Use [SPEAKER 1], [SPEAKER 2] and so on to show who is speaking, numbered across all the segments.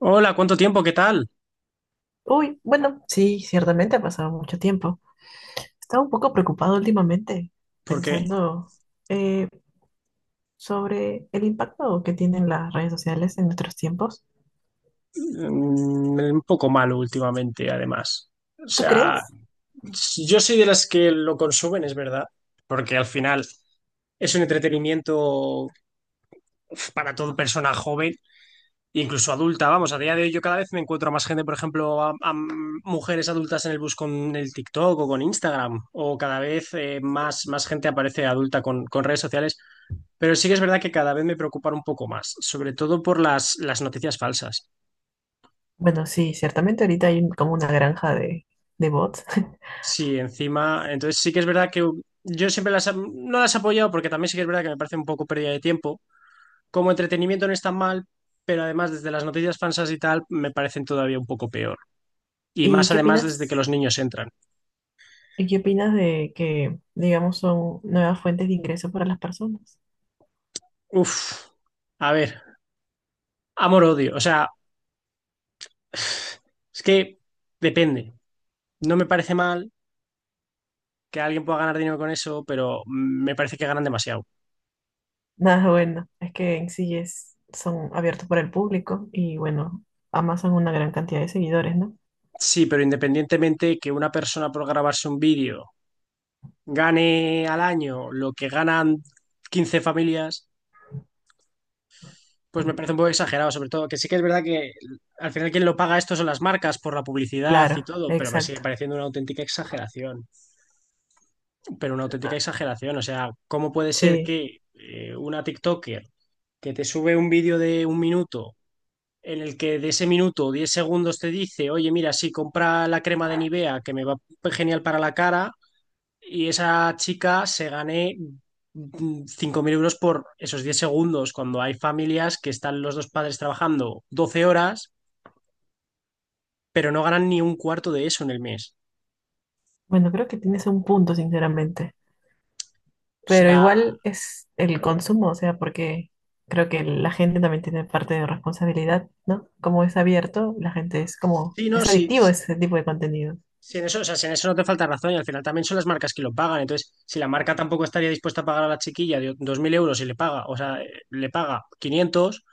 [SPEAKER 1] Hola, ¿cuánto tiempo? ¿Qué tal?
[SPEAKER 2] Uy, bueno, sí, ciertamente ha pasado mucho tiempo. Estaba un poco preocupado últimamente,
[SPEAKER 1] Porque
[SPEAKER 2] pensando eh, sobre el impacto que tienen las redes sociales en nuestros tiempos.
[SPEAKER 1] un poco malo últimamente, además. O
[SPEAKER 2] ¿Tú
[SPEAKER 1] sea,
[SPEAKER 2] crees?
[SPEAKER 1] si yo soy de las que lo consumen, es verdad, porque al final es un entretenimiento uf, para toda persona joven, incluso adulta. Vamos, a día de hoy yo cada vez me encuentro a más gente, por ejemplo, a mujeres adultas en el bus con el TikTok o con Instagram, o cada vez más gente aparece adulta con redes sociales. Pero sí que es verdad que cada vez me preocupan un poco más, sobre todo por las noticias falsas.
[SPEAKER 2] Bueno, sí, ciertamente ahorita hay como una granja de bots.
[SPEAKER 1] Sí, encima, entonces sí que es verdad que yo siempre las, no las he apoyado porque también sí que es verdad que me parece un poco pérdida de tiempo. Como entretenimiento no es tan mal, pero además desde las noticias falsas y tal me parecen todavía un poco peor. Y
[SPEAKER 2] ¿Y
[SPEAKER 1] más
[SPEAKER 2] qué
[SPEAKER 1] además desde que
[SPEAKER 2] opinas?
[SPEAKER 1] los niños entran.
[SPEAKER 2] ¿Y qué opinas de que, digamos, son nuevas fuentes de ingreso para las personas?
[SPEAKER 1] Uf, a ver, amor-odio. O sea, es que depende. No me parece mal que alguien pueda ganar dinero con eso, pero me parece que ganan demasiado.
[SPEAKER 2] Nada bueno, es que en sí es, son abiertos para el público y bueno, amasan una gran cantidad de seguidores, ¿no?
[SPEAKER 1] Sí, pero independientemente que una persona por grabarse un vídeo gane al año lo que ganan 15 familias, pues me parece un poco exagerado, sobre todo que sí que es verdad que al final quien lo paga esto son las marcas por la publicidad y
[SPEAKER 2] Claro,
[SPEAKER 1] todo, pero me sigue
[SPEAKER 2] exacto.
[SPEAKER 1] pareciendo una auténtica exageración, pero una auténtica exageración, o sea, ¿cómo puede ser
[SPEAKER 2] Sí,
[SPEAKER 1] que una TikToker que te sube un vídeo de un minuto en el que de ese minuto 10 segundos te dice, oye, mira, sí, compra la crema de Nivea que me va genial para la cara, y esa chica se gane 5.000 euros por esos 10 segundos, cuando hay familias que están los dos padres trabajando 12 horas, pero no ganan ni un cuarto de eso en el mes?
[SPEAKER 2] bueno, creo que tienes un punto, sinceramente.
[SPEAKER 1] O
[SPEAKER 2] Pero
[SPEAKER 1] sea,
[SPEAKER 2] igual es el consumo, o sea, porque creo que la gente también tiene parte de responsabilidad, ¿no? Como es abierto, la gente es como,
[SPEAKER 1] sí, no,
[SPEAKER 2] es
[SPEAKER 1] sí,
[SPEAKER 2] adictivo ese tipo de contenido.
[SPEAKER 1] sí, en eso, o sea, si en eso no te falta razón y al final también son las marcas que lo pagan. Entonces, si la marca tampoco estaría dispuesta a pagar a la chiquilla de 2.000 euros y le paga, o sea, le paga 500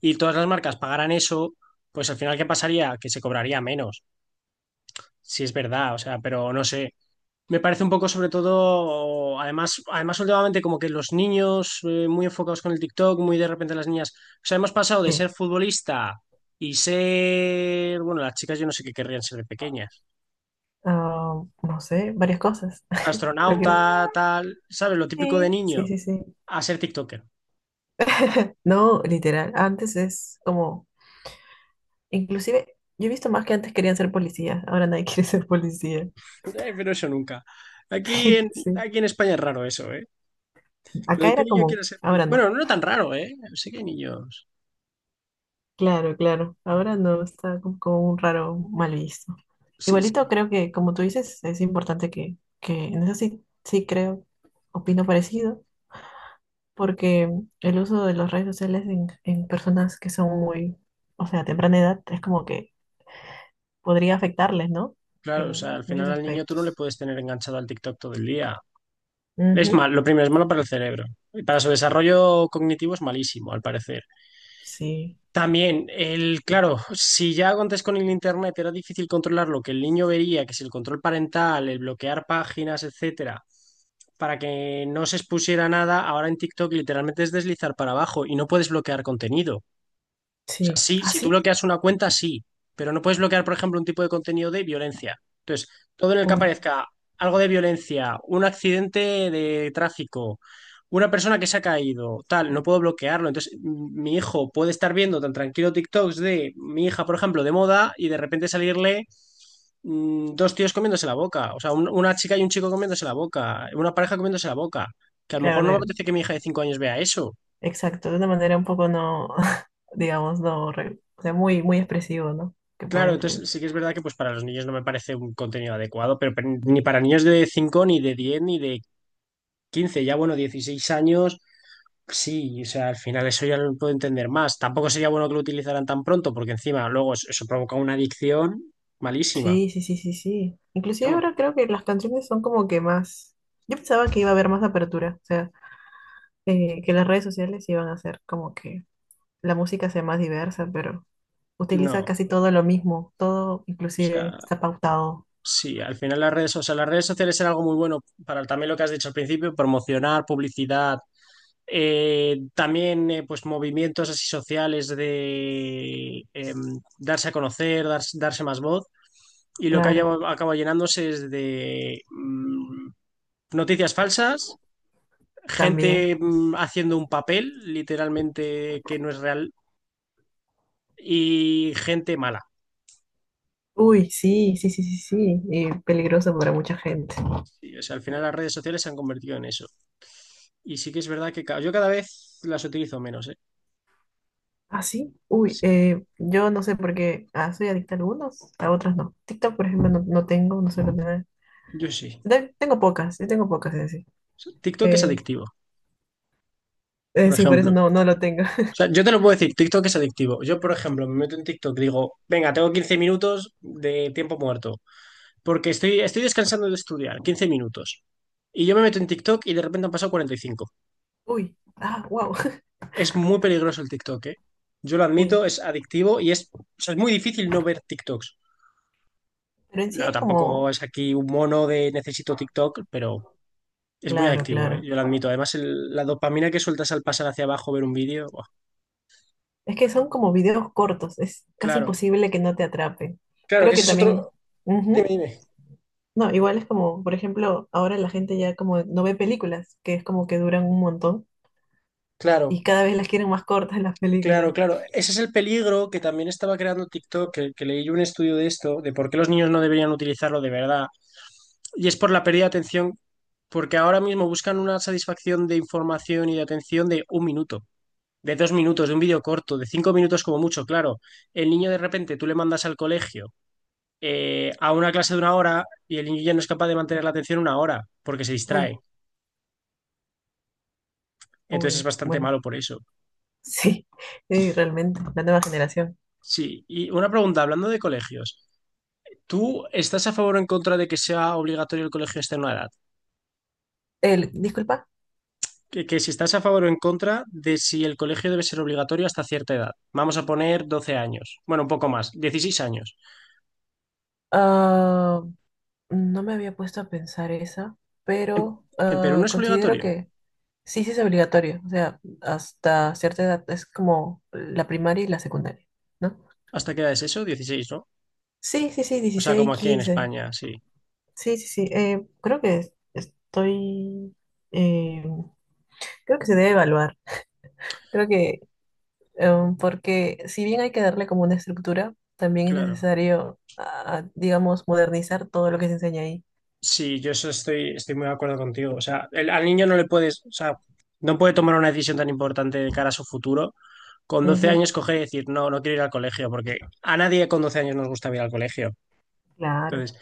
[SPEAKER 1] y todas las marcas pagaran eso, pues al final, ¿qué pasaría? Que se cobraría menos, si es verdad, o sea, pero no sé. Me parece un poco sobre todo, además, además últimamente como que los niños muy enfocados con el TikTok, muy de repente las niñas, o sea, hemos pasado de
[SPEAKER 2] Sí.
[SPEAKER 1] ser futbolista y ser, bueno, las chicas yo no sé qué querrían ser de pequeñas,
[SPEAKER 2] Ah, no sé, varias cosas. Cualquier-
[SPEAKER 1] astronauta, tal, ¿sabes? Lo típico de
[SPEAKER 2] Sí,
[SPEAKER 1] niño,
[SPEAKER 2] sí, sí, sí.
[SPEAKER 1] a ser TikToker.
[SPEAKER 2] No, literal. Antes es como, inclusive, yo he visto más que antes querían ser policías, ahora nadie quiere ser policía.
[SPEAKER 1] Pero eso nunca. Aquí en,
[SPEAKER 2] Sí.
[SPEAKER 1] aquí en España es raro eso, ¿eh? Lo
[SPEAKER 2] Acá
[SPEAKER 1] de que
[SPEAKER 2] era
[SPEAKER 1] un niño
[SPEAKER 2] como,
[SPEAKER 1] quiera ser
[SPEAKER 2] ahora
[SPEAKER 1] policía. Bueno,
[SPEAKER 2] no.
[SPEAKER 1] no tan raro, ¿eh? Sí que hay niños.
[SPEAKER 2] Claro, claro. Ahora no, está como, como un raro mal visto.
[SPEAKER 1] Sí, sí.
[SPEAKER 2] Igualito creo que, como tú dices, es importante que en eso sí, sí creo, opino parecido, porque el uso de las redes sociales en personas que son muy, o sea, a temprana edad, es como que podría afectarles, ¿no?
[SPEAKER 1] Claro, o sea,
[SPEAKER 2] En
[SPEAKER 1] al
[SPEAKER 2] muchos
[SPEAKER 1] final al niño tú no le
[SPEAKER 2] aspectos.
[SPEAKER 1] puedes tener enganchado al TikTok todo el día. Es
[SPEAKER 2] Ujú,
[SPEAKER 1] mal, lo primero es malo para el cerebro. Y para su desarrollo cognitivo es malísimo, al parecer.
[SPEAKER 2] sí,
[SPEAKER 1] También, claro, si ya antes con el internet era difícil controlar lo que el niño vería, que si el control parental, el bloquear páginas, etcétera, para que no se expusiera nada, ahora en TikTok literalmente es deslizar para abajo y no puedes bloquear contenido. O sea,
[SPEAKER 2] sí.
[SPEAKER 1] sí,
[SPEAKER 2] ¿Ah,
[SPEAKER 1] si tú
[SPEAKER 2] sí?
[SPEAKER 1] bloqueas una cuenta, sí, pero no puedes bloquear, por ejemplo, un tipo de contenido de violencia. Entonces, todo en el que
[SPEAKER 2] Uy,
[SPEAKER 1] aparezca algo de violencia, un accidente de tráfico, una persona que se ha caído, tal, no puedo bloquearlo. Entonces, mi hijo puede estar viendo tan tranquilo TikToks de mi hija, por ejemplo, de moda y de repente salirle dos tíos comiéndose la boca, o sea, una chica y un chico comiéndose la boca, una pareja comiéndose la boca, que a lo
[SPEAKER 2] claro,
[SPEAKER 1] mejor no me
[SPEAKER 2] de,
[SPEAKER 1] apetece que mi hija de 5 años vea eso.
[SPEAKER 2] exacto, de una manera un poco no, digamos, no, re- o sea, muy, muy expresivo, ¿no? Que puede
[SPEAKER 1] Claro, entonces
[SPEAKER 2] influir.
[SPEAKER 1] sí que es verdad que pues para los niños no me parece un contenido adecuado, pero ni para niños de 5, ni de 10, ni de 15, ya bueno, 16 años, sí, o sea, al final eso ya lo puedo entender más. Tampoco sería bueno que lo utilizaran tan pronto, porque encima luego eso provoca una adicción malísima.
[SPEAKER 2] Sí, sí, sí, sí, sí. Inclusive
[SPEAKER 1] Vamos,
[SPEAKER 2] ahora creo que las canciones son como que más... Yo pensaba que iba a haber más apertura, o sea, que las redes sociales iban a hacer como que la música sea más diversa, pero
[SPEAKER 1] no,
[SPEAKER 2] utiliza casi
[SPEAKER 1] o
[SPEAKER 2] todo lo mismo, todo inclusive
[SPEAKER 1] sea,
[SPEAKER 2] está pautado,
[SPEAKER 1] sí, al final las redes, o sea, las redes sociales eran algo muy bueno para también lo que has dicho al principio, promocionar, publicidad, también pues movimientos así sociales de darse a conocer, darse más voz. Y lo que
[SPEAKER 2] claro,
[SPEAKER 1] acaba llenándose es de noticias falsas,
[SPEAKER 2] también.
[SPEAKER 1] gente haciendo un papel literalmente que no es real y gente mala.
[SPEAKER 2] Uy, sí, sí, sí, sí, sí, y peligroso para mucha gente.
[SPEAKER 1] O sea, al final las redes sociales se han convertido en eso. Y sí que es verdad que yo cada vez las utilizo menos, ¿eh?
[SPEAKER 2] Ah, sí, uy,
[SPEAKER 1] Sí,
[SPEAKER 2] yo no sé por qué, ah, soy adicta a algunos, a otros no. TikTok, por ejemplo, no, no tengo, no suelo tener.
[SPEAKER 1] yo sí.
[SPEAKER 2] De- Tengo pocas, yo tengo pocas, es decir.
[SPEAKER 1] TikTok es adictivo, por
[SPEAKER 2] Sí, por eso
[SPEAKER 1] ejemplo.
[SPEAKER 2] no,
[SPEAKER 1] O
[SPEAKER 2] no lo tengo.
[SPEAKER 1] sea, yo te lo puedo decir, TikTok es adictivo. Yo, por ejemplo, me meto en TikTok y digo, venga, tengo 15 minutos de tiempo muerto, porque estoy descansando de estudiar, 15 minutos. Y yo me meto en TikTok y de repente han pasado 45.
[SPEAKER 2] Uy, ah, wow.
[SPEAKER 1] Es muy peligroso el TikTok, ¿eh? Yo lo
[SPEAKER 2] Uy,
[SPEAKER 1] admito, es adictivo y es, o sea, es muy difícil no ver TikToks.
[SPEAKER 2] pero en sí
[SPEAKER 1] No,
[SPEAKER 2] es
[SPEAKER 1] tampoco
[SPEAKER 2] como,
[SPEAKER 1] es aquí un mono de necesito TikTok, pero es muy
[SPEAKER 2] claro,
[SPEAKER 1] adictivo, ¿eh?
[SPEAKER 2] claro.
[SPEAKER 1] Yo lo admito. Además, la dopamina que sueltas al pasar hacia abajo, ver un vídeo, ¡buah!
[SPEAKER 2] Es que son como videos cortos, es casi
[SPEAKER 1] Claro.
[SPEAKER 2] imposible que no te atrapen.
[SPEAKER 1] Claro,
[SPEAKER 2] Creo
[SPEAKER 1] que
[SPEAKER 2] que
[SPEAKER 1] ese es
[SPEAKER 2] también,
[SPEAKER 1] otro... Dime,
[SPEAKER 2] ujú.
[SPEAKER 1] dime.
[SPEAKER 2] No, igual es como, por ejemplo, ahora la gente ya como no ve películas, que es como que duran un montón y
[SPEAKER 1] Claro.
[SPEAKER 2] cada vez las quieren más cortas las
[SPEAKER 1] Claro,
[SPEAKER 2] películas.
[SPEAKER 1] claro. Ese es el peligro que también estaba creando TikTok, que leí yo un estudio de esto, de por qué los niños no deberían utilizarlo de verdad. Y es por la pérdida de atención, porque ahora mismo buscan una satisfacción de información y de atención de un minuto, de 2 minutos, de un vídeo corto, de 5 minutos como mucho, claro. El niño de repente tú le mandas al colegio a una clase de una hora y el niño ya no es capaz de mantener la atención una hora porque se
[SPEAKER 2] Uy,
[SPEAKER 1] distrae. Entonces es
[SPEAKER 2] uy,
[SPEAKER 1] bastante
[SPEAKER 2] bueno,
[SPEAKER 1] malo por eso.
[SPEAKER 2] sí, sí, realmente, la nueva generación.
[SPEAKER 1] Sí, y una pregunta, hablando de colegios. ¿Tú estás a favor o en contra de que sea obligatorio el colegio hasta una edad?
[SPEAKER 2] El, disculpa,
[SPEAKER 1] Que si estás a favor o en contra de si el colegio debe ser obligatorio hasta cierta edad. Vamos a poner 12 años. Bueno, un poco más, 16 años.
[SPEAKER 2] ah, no me había puesto a pensar esa,
[SPEAKER 1] En,
[SPEAKER 2] pero
[SPEAKER 1] en Perú no
[SPEAKER 2] ah,
[SPEAKER 1] es
[SPEAKER 2] considero
[SPEAKER 1] obligatorio.
[SPEAKER 2] que sí, sí es obligatorio. O sea, hasta cierta edad es como la primaria y la secundaria, ¿no?
[SPEAKER 1] ¿Hasta qué edad es eso? 16, ¿no?
[SPEAKER 2] Sí, sí, sí,
[SPEAKER 1] O sea,
[SPEAKER 2] 16
[SPEAKER 1] como aquí en
[SPEAKER 2] 15.
[SPEAKER 1] España, sí,
[SPEAKER 2] Sí, sí, sí. Creo que es- estoy... eh, creo que se debe evaluar. Creo que porque si bien hay que darle como una estructura, también es
[SPEAKER 1] claro.
[SPEAKER 2] necesario, ah, digamos, modernizar todo lo que se enseña ahí.
[SPEAKER 1] Sí, yo eso estoy muy de acuerdo contigo. O sea, al niño no le puedes, o sea, no puede tomar una decisión tan importante de cara a su futuro. Con 12
[SPEAKER 2] Ujú,
[SPEAKER 1] años coger y decir, no, no quiero ir al colegio, porque a nadie con 12 años nos gusta ir al colegio.
[SPEAKER 2] claro.
[SPEAKER 1] Entonces,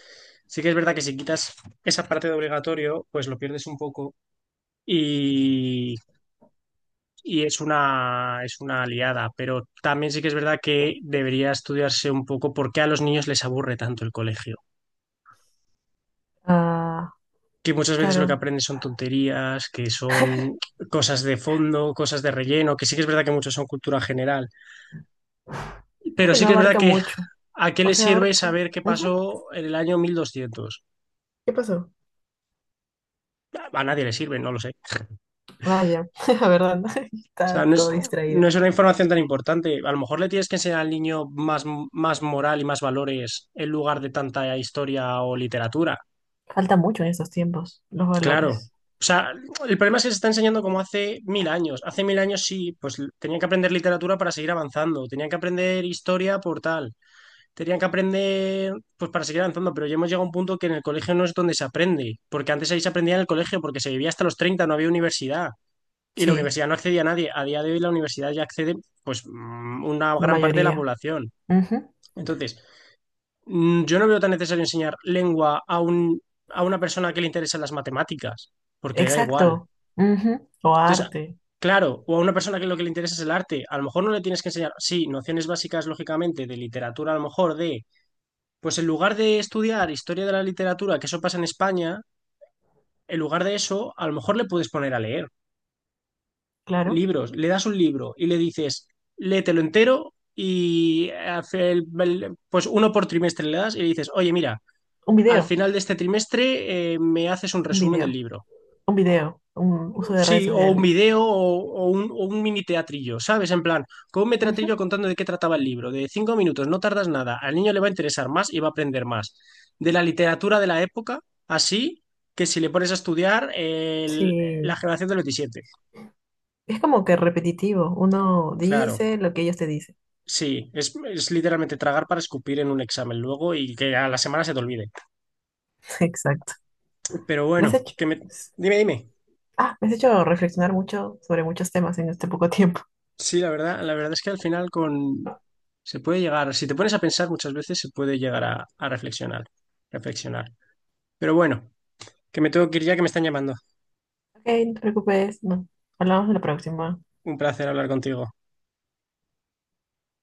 [SPEAKER 1] sí que es verdad que si quitas esa parte de obligatorio, pues lo pierdes un poco y, y es una liada. Pero también sí que es verdad que debería estudiarse un poco por qué a los niños les aburre tanto el colegio.
[SPEAKER 2] Ah,
[SPEAKER 1] Que muchas veces lo que
[SPEAKER 2] claro.
[SPEAKER 1] aprendes son tonterías, que son cosas de fondo, cosas de relleno, que sí que es verdad que muchos son cultura general.
[SPEAKER 2] Creo
[SPEAKER 1] Pero
[SPEAKER 2] que
[SPEAKER 1] sí
[SPEAKER 2] no
[SPEAKER 1] que es verdad
[SPEAKER 2] abarca
[SPEAKER 1] que,
[SPEAKER 2] mucho.
[SPEAKER 1] ¿a qué
[SPEAKER 2] O
[SPEAKER 1] le
[SPEAKER 2] sea,
[SPEAKER 1] sirve
[SPEAKER 2] abarca.
[SPEAKER 1] saber qué
[SPEAKER 2] Ujú.
[SPEAKER 1] pasó en el año 1200?
[SPEAKER 2] ¿Qué pasó?
[SPEAKER 1] A nadie le sirve, no lo sé.
[SPEAKER 2] Ah, ya. La verdad, ¿no?
[SPEAKER 1] O
[SPEAKER 2] Está
[SPEAKER 1] sea, no es,
[SPEAKER 2] todo
[SPEAKER 1] no
[SPEAKER 2] distraída.
[SPEAKER 1] es una información tan importante. A lo mejor le tienes que enseñar al niño más, moral y más valores en lugar de tanta historia o literatura.
[SPEAKER 2] Falta mucho en estos tiempos, los
[SPEAKER 1] Claro.
[SPEAKER 2] valores.
[SPEAKER 1] O sea, el problema es que se está enseñando como hace mil años. Hace mil años sí, pues tenían que aprender literatura para seguir avanzando, tenían que aprender historia por tal, tenían que aprender pues para seguir avanzando, pero ya hemos llegado a un punto que en el colegio no es donde se aprende, porque antes ahí se aprendía en el colegio, porque se vivía hasta los 30, no había universidad. Y la
[SPEAKER 2] Sí,
[SPEAKER 1] universidad no accedía a nadie. A día de hoy la universidad ya accede, pues, una
[SPEAKER 2] la
[SPEAKER 1] gran parte de la
[SPEAKER 2] mayoría.
[SPEAKER 1] población.
[SPEAKER 2] Ujú.
[SPEAKER 1] Entonces, yo no veo tan necesario enseñar lengua a un, a una persona que le interesan las matemáticas, porque le da igual.
[SPEAKER 2] Exacto. Ujú. O
[SPEAKER 1] Entonces,
[SPEAKER 2] arte,
[SPEAKER 1] claro, o a una persona que lo que le interesa es el arte, a lo mejor no le tienes que enseñar, sí, nociones básicas, lógicamente, de literatura, a lo mejor de, pues en lugar de estudiar historia de la literatura, que eso pasa en España, en lugar de eso, a lo mejor le puedes poner a leer.
[SPEAKER 2] claro.
[SPEAKER 1] Libros, le das un libro y le dices, léetelo entero y hace pues uno por trimestre le das y le dices, oye, mira,
[SPEAKER 2] Un
[SPEAKER 1] al
[SPEAKER 2] video,
[SPEAKER 1] final de este trimestre me haces un
[SPEAKER 2] un
[SPEAKER 1] resumen del
[SPEAKER 2] video,
[SPEAKER 1] libro.
[SPEAKER 2] un video, un uso de redes
[SPEAKER 1] Sí, o un
[SPEAKER 2] sociales.
[SPEAKER 1] video o, o un mini teatrillo, ¿sabes? En plan, con un mini teatrillo
[SPEAKER 2] Ujú.
[SPEAKER 1] contando de qué trataba el libro, de 5 minutos, no tardas nada, al niño le va a interesar más y va a aprender más. De la literatura de la época, así que si le pones a estudiar la
[SPEAKER 2] Sí,
[SPEAKER 1] generación del 27.
[SPEAKER 2] es como que repetitivo. Uno
[SPEAKER 1] Claro.
[SPEAKER 2] dice lo que ellos te dicen.
[SPEAKER 1] Sí, es literalmente tragar para escupir en un examen luego y que a la semana se te olvide.
[SPEAKER 2] Exacto.
[SPEAKER 1] Pero
[SPEAKER 2] ¿Me has
[SPEAKER 1] bueno,
[SPEAKER 2] hecho?
[SPEAKER 1] que me... Dime, dime.
[SPEAKER 2] Ah, me has hecho reflexionar mucho sobre muchos temas en este poco tiempo.
[SPEAKER 1] Sí, la verdad es que al final con... Se puede llegar, si te pones a pensar muchas veces, se puede llegar a reflexionar, reflexionar. Pero bueno, que me tengo que ir ya que me están llamando.
[SPEAKER 2] Ok, no te preocupes, no. Hablamos en la próxima.
[SPEAKER 1] Un placer hablar contigo.